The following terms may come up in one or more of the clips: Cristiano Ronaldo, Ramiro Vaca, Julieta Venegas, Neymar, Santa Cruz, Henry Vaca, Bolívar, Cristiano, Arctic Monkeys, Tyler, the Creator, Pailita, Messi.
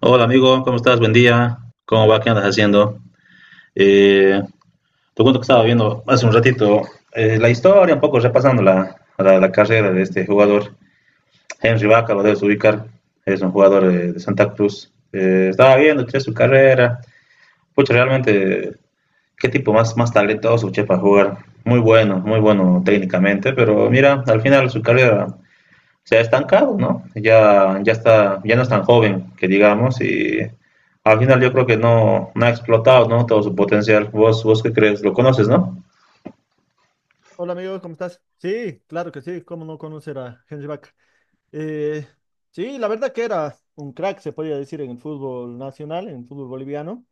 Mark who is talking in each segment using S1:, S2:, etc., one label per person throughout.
S1: Hola amigo, ¿cómo estás? Buen día. ¿Cómo va? ¿Qué andas haciendo? Eh, Te cuento que estaba viendo hace un ratito la historia, un poco repasando la carrera de este jugador. Henry Vaca, lo debes ubicar, es un jugador de Santa Cruz. Estaba viendo che, su carrera. Pucha, realmente, qué tipo más talentoso che, para jugar. Muy bueno, muy bueno técnicamente, pero mira, al final su carrera se ha estancado, ¿no? Ya, ya, está, ya no es tan joven, que digamos, y al final yo creo que no ha explotado, ¿no? Todo su potencial. ¿Vos qué crees? ¿Lo conoces, no?
S2: Hola amigo, ¿cómo estás? Sí, claro que sí, ¿cómo no conocer a Henry Vaca? Eh, sí, la verdad que era un crack, se podría decir, en el fútbol nacional, en el fútbol boliviano.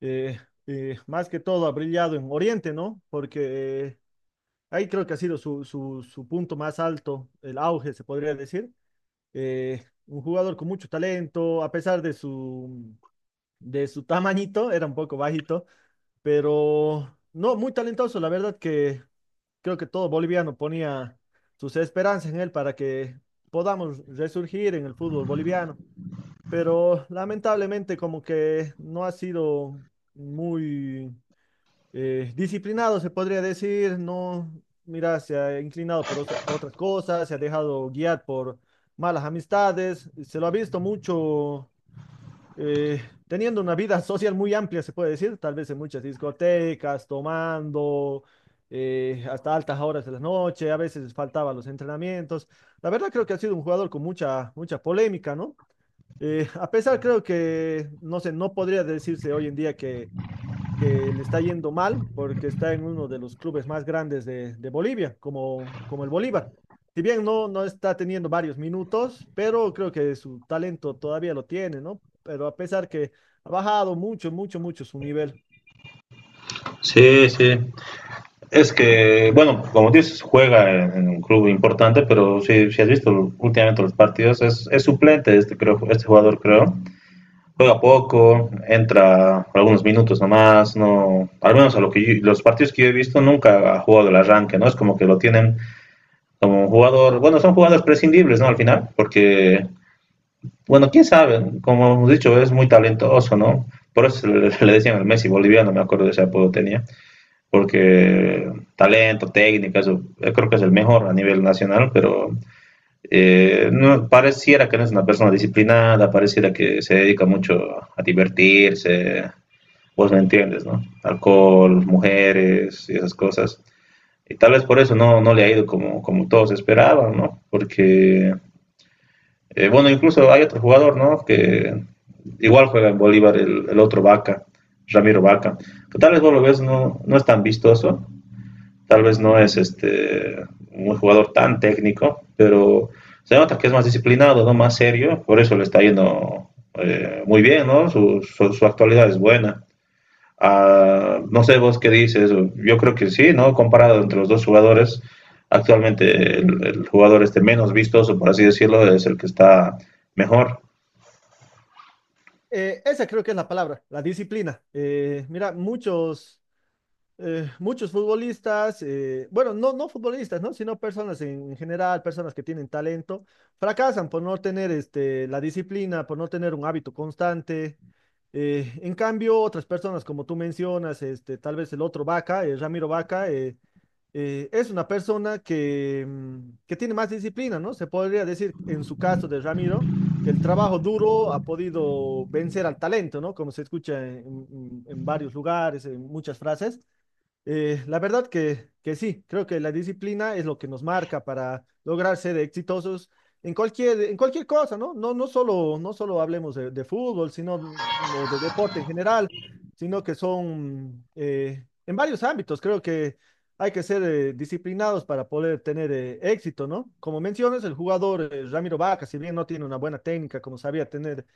S2: Eh, más que todo ha brillado en Oriente, ¿no? Porque ahí creo que ha sido su punto más alto, el auge, se podría decir. Eh, un jugador con mucho talento, a pesar de su tamañito, era un poco bajito, pero no, muy talentoso, la verdad que creo que todo boliviano ponía sus esperanzas en él para que podamos resurgir en el fútbol boliviano. Pero lamentablemente como que no ha sido muy disciplinado, se podría decir, no, mira, se ha inclinado por otras cosas, se ha dejado guiar por malas amistades, se lo ha visto mucho eh, teniendo una vida social muy amplia, se puede decir, tal vez en muchas discotecas, tomando hasta altas horas de la noche, a veces faltaba los entrenamientos. La verdad creo que ha sido un jugador con mucha, mucha polémica, ¿no? A pesar creo que, no sé, no podría decirse hoy en día que le está yendo mal porque está en uno de los clubes más grandes de Bolivia, como el Bolívar. Si bien no está teniendo varios minutos, pero creo que su talento todavía lo tiene, ¿no? Pero a pesar que ha bajado mucho, mucho, mucho su nivel.
S1: Sí, sí. Es que, bueno, como dices, juega en un club importante, pero si has visto últimamente los partidos, es suplente este, creo, este jugador, creo. Juega poco, entra algunos minutos nomás, no, al menos a lo que los partidos que yo he visto nunca ha jugado el arranque, ¿no? Es como que lo tienen como un jugador, bueno, son jugadores prescindibles, ¿no? Al final, porque, bueno, quién sabe, como hemos dicho, es muy talentoso, ¿no? Por eso le decían el Messi boliviano, me acuerdo de ese apodo tenía, porque talento, técnica, eso, yo creo que es el mejor a nivel nacional, pero no, pareciera que no es una persona disciplinada, pareciera que se dedica mucho a divertirse, vos me entiendes, ¿no? Alcohol, mujeres y esas cosas. Y tal vez por eso no le ha ido como, como todos esperaban, ¿no? Porque, bueno, incluso hay otro jugador, ¿no? Que igual juega en Bolívar, el otro Vaca, Ramiro Vaca. Pero tal vez vos lo ves, no es tan vistoso, tal vez no es este, un jugador tan técnico, pero se nota que es más disciplinado, ¿no? Más serio, por eso le está yendo muy bien, ¿no? Su actualidad es buena. No sé vos qué dices, yo creo que sí, ¿no? Comparado entre los dos jugadores, actualmente jugador este menos vistoso, por así decirlo, es el que está mejor.
S2: Esa creo que es la palabra, la disciplina. Mira, muchos futbolistas, bueno, no futbolistas, ¿no? Sino personas en general, personas que tienen talento, fracasan por no tener la disciplina, por no tener un hábito constante. En cambio, otras personas, como tú mencionas, tal vez el otro Vaca, Ramiro Vaca, es una persona que tiene más disciplina, ¿no? Se podría decir, en su caso de Ramiro, que el trabajo duro ha podido vencer al talento, ¿no? Como se escucha en varios lugares, en muchas frases. La verdad que sí, creo que la disciplina es lo que nos marca para lograr ser exitosos en cualquier cosa, ¿no? No solo hablemos de fútbol, sino o de deporte en general, sino que son en varios ámbitos. Creo que hay que ser disciplinados para poder tener éxito, ¿no? Como mencionas, el jugador Ramiro Vaca, si bien no tiene una buena técnica como sabía tener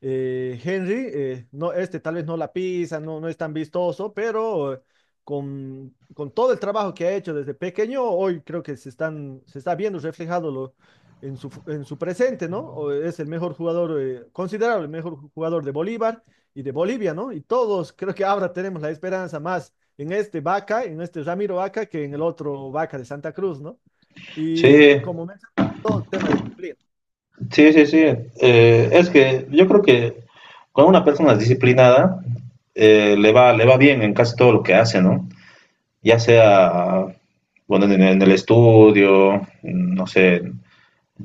S2: Henry, no, este tal vez no la pisa, no es tan vistoso, pero con todo el trabajo que ha hecho desde pequeño, hoy creo que se está viendo reflejado en su presente, ¿no? O es el mejor jugador, considerable el mejor jugador de Bolívar y de Bolivia, ¿no? Y todos creo que ahora tenemos la esperanza más en este Vaca, en este Ramiro Vaca, que en el otro Vaca de Santa Cruz, ¿no? Y
S1: Sí,
S2: como mencioné, todo el tema de disciplina.
S1: sí, sí, sí. Es que yo creo que con una persona disciplinada le va bien en casi todo lo que hace, ¿no? Ya sea, bueno, en el estudio, no sé, en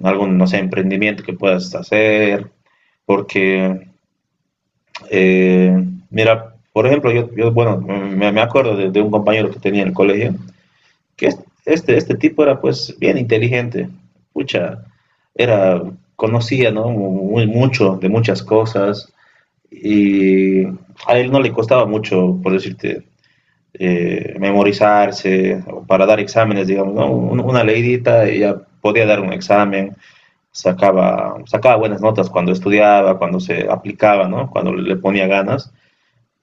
S1: algún, no sé, emprendimiento que puedas hacer, porque Eh, mira, por ejemplo, yo bueno, me acuerdo un compañero que tenía en el colegio, que este tipo era pues bien inteligente, pucha, era, conocía, ¿no? Muy, mucho de muchas cosas y a él no le costaba mucho, por decirte, memorizarse o para dar exámenes, digamos, ¿no? Una leidita, ella podía dar un examen, sacaba buenas notas cuando estudiaba, cuando se aplicaba, ¿no? Cuando le ponía ganas.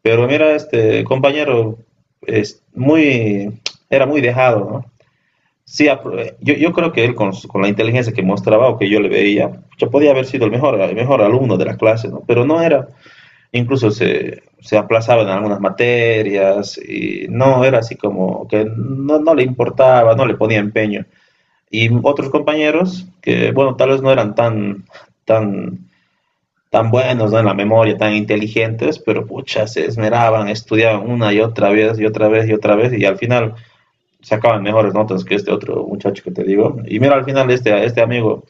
S1: Pero mira, este compañero es muy, era muy dejado, ¿no? Sí, yo creo que él con la inteligencia que mostraba o que yo le veía, ya podía haber sido el mejor alumno de la clase, ¿no? Pero no era, incluso se aplazaba en algunas materias y no era así como que no le importaba, no le ponía empeño. Y otros compañeros que, bueno, tal vez no eran tan, tan tan buenos ¿no? en la memoria, tan inteligentes, pero pucha, se esmeraban, estudiaban una y otra vez y otra vez y otra vez y al final sacaban mejores notas que este otro muchacho que te digo. Y mira, al final este amigo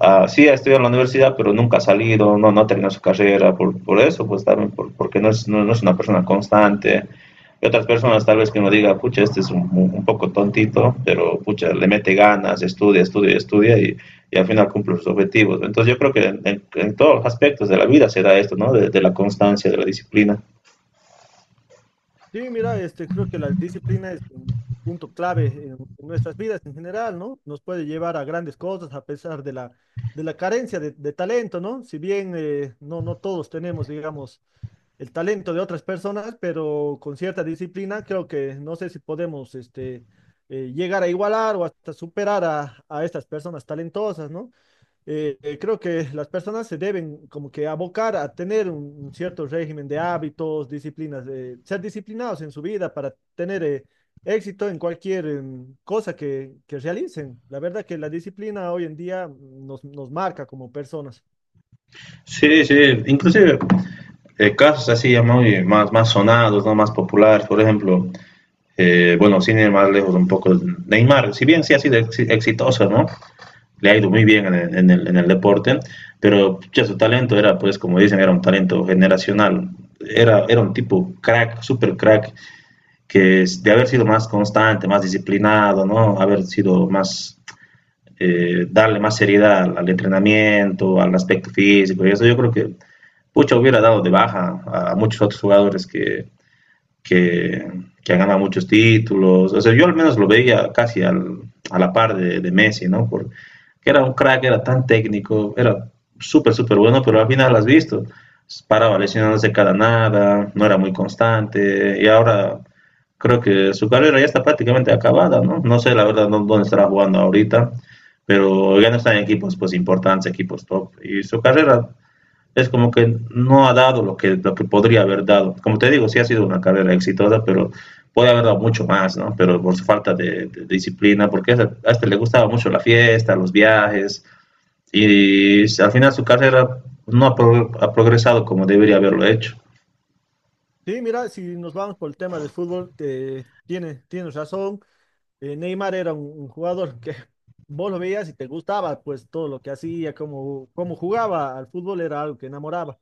S1: ah, sí ha estudiado en la universidad, pero nunca ha salido, no ha terminado su carrera, por eso, pues también, porque no es una persona constante. Y otras personas tal vez que uno diga, pucha, este es un poco tontito, pero pucha, le mete ganas, estudia, estudia, estudia y al final cumple sus objetivos. Entonces yo creo que en todos los aspectos de la vida se da esto, ¿no? De la constancia, de la disciplina.
S2: Sí, mira, creo que la disciplina es un punto clave en nuestras vidas en general, ¿no? Nos puede llevar a grandes cosas a pesar de la carencia de talento, ¿no? Si bien no todos tenemos, digamos, el talento de otras personas, pero con cierta disciplina creo que no sé si podemos llegar a igualar o hasta superar a estas personas talentosas, ¿no? Creo que las personas se deben como que abocar a tener un cierto régimen de hábitos, disciplinas, ser disciplinados en su vida para tener éxito en cualquier cosa que realicen. La verdad que la disciplina hoy en día nos marca como personas.
S1: Sí, sí, inclusive casos así ya muy más, más sonados, ¿no? Más populares, por ejemplo, bueno, sin ir más lejos un poco, Neymar, si bien sí ha sido ex exitoso, ¿no? Le ha ido muy bien en el deporte, pero ya su talento era, pues, como dicen, era un talento generacional. Era un tipo crack, super crack, que de haber sido más constante, más disciplinado, ¿no? Haber sido más, darle más seriedad entrenamiento, al aspecto físico y eso, yo creo que pucha hubiera dado de baja a muchos otros jugadores que, que ha ganado muchos títulos. O sea, yo al menos lo veía casi a la par de Messi, ¿no? Porque era un crack, era tan técnico, era súper, súper bueno, pero al final lo has visto. Paraba lesionándose cada nada, no era muy constante, y ahora creo que su carrera ya está prácticamente acabada, ¿no? No sé la verdad no, dónde estará jugando ahorita, pero ya no está en equipos pues importantes, equipos top. Y su carrera es como que no ha dado lo que podría haber dado. Como te digo, sí ha sido una carrera exitosa, pero puede haber dado mucho más, ¿no? Pero por su falta de disciplina, porque este le gustaba mucho la fiesta, los viajes, y al final su carrera no ha, pro, ha progresado como debería haberlo hecho.
S2: Sí, mira, si nos vamos por el tema del fútbol, tienes razón. Neymar era un jugador que vos lo veías y te gustaba, pues todo lo que hacía, cómo jugaba al fútbol era algo que enamoraba.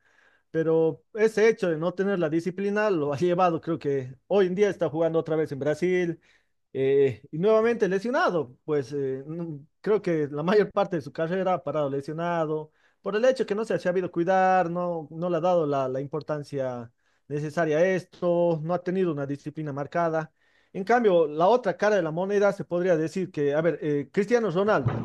S2: Pero ese hecho de no tener la disciplina lo ha llevado, creo que hoy en día está jugando otra vez en Brasil, y nuevamente lesionado, pues creo que la mayor parte de su carrera ha parado lesionado por el hecho que no se ha sabido cuidar, no le ha dado la importancia necesaria a esto, no ha tenido una disciplina marcada. En cambio, la otra cara de la moneda se podría decir que, a ver, Cristiano Ronaldo.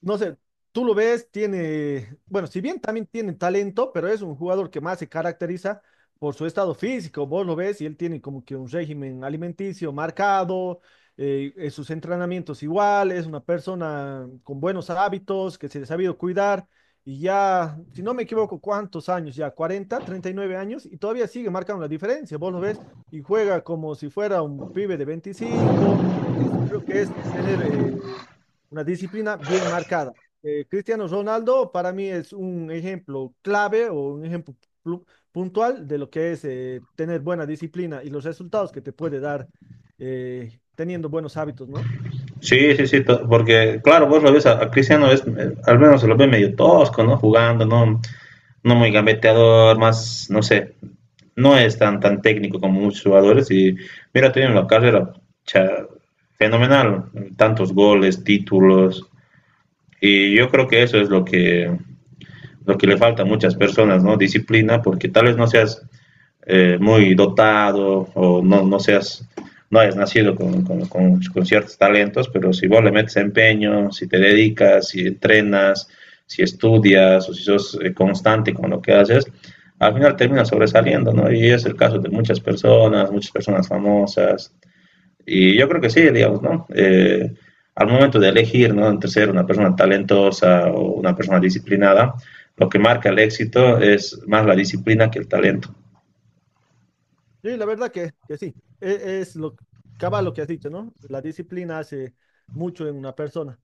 S2: No sé, tú lo ves, bueno, si bien también tiene talento, pero es un jugador que más se caracteriza por su estado físico. Vos lo ves y él tiene como que un régimen alimenticio marcado, sus entrenamientos igual, es una persona con buenos hábitos, que se le ha sabido cuidar y ya, si no me equivoco, ¿cuántos años ya? cuarenta 39 años y todavía sigue marcando la diferencia. Vos lo ves y juega como si fuera un pibe de 25. Eso creo que es tener una disciplina bien marcada. Cristiano Ronaldo para mí es un ejemplo clave o un ejemplo plu- puntual de lo que es tener buena disciplina y los resultados que te puede dar teniendo buenos hábitos, ¿no?
S1: Sí, sí, sí, porque claro, vos lo ves a Cristiano, es, al menos se lo ve medio tosco, ¿no? Jugando, ¿no? No muy gambeteador, más, no sé, no es tan, tan técnico como muchos jugadores y mira, tiene una carrera cha, fenomenal, tantos goles, títulos y yo creo que eso es lo que le falta a muchas personas, ¿no? Disciplina, porque tal vez no seas muy dotado o no seas no hayas nacido ciertos talentos, pero si vos le metes empeño, si te dedicas, si entrenas, si estudias o si sos constante con lo que haces, al final termina sobresaliendo, ¿no? Y es el caso de muchas personas famosas. Y yo creo que sí, digamos, ¿no? Al momento de elegir, ¿no? Entre ser una persona talentosa o una persona disciplinada, lo que marca el éxito es más la disciplina que el talento.
S2: Sí, la verdad que sí. Es, lo cabal lo que has dicho, ¿no? La disciplina hace mucho en una persona.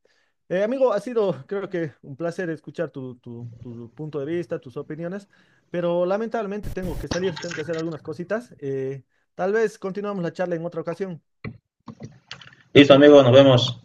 S2: Amigo, ha sido, creo que, un placer escuchar tu punto de vista, tus opiniones, pero lamentablemente tengo que salir, tengo que hacer algunas cositas. Tal vez continuamos la charla en otra ocasión.
S1: Listo amigos, nos vemos.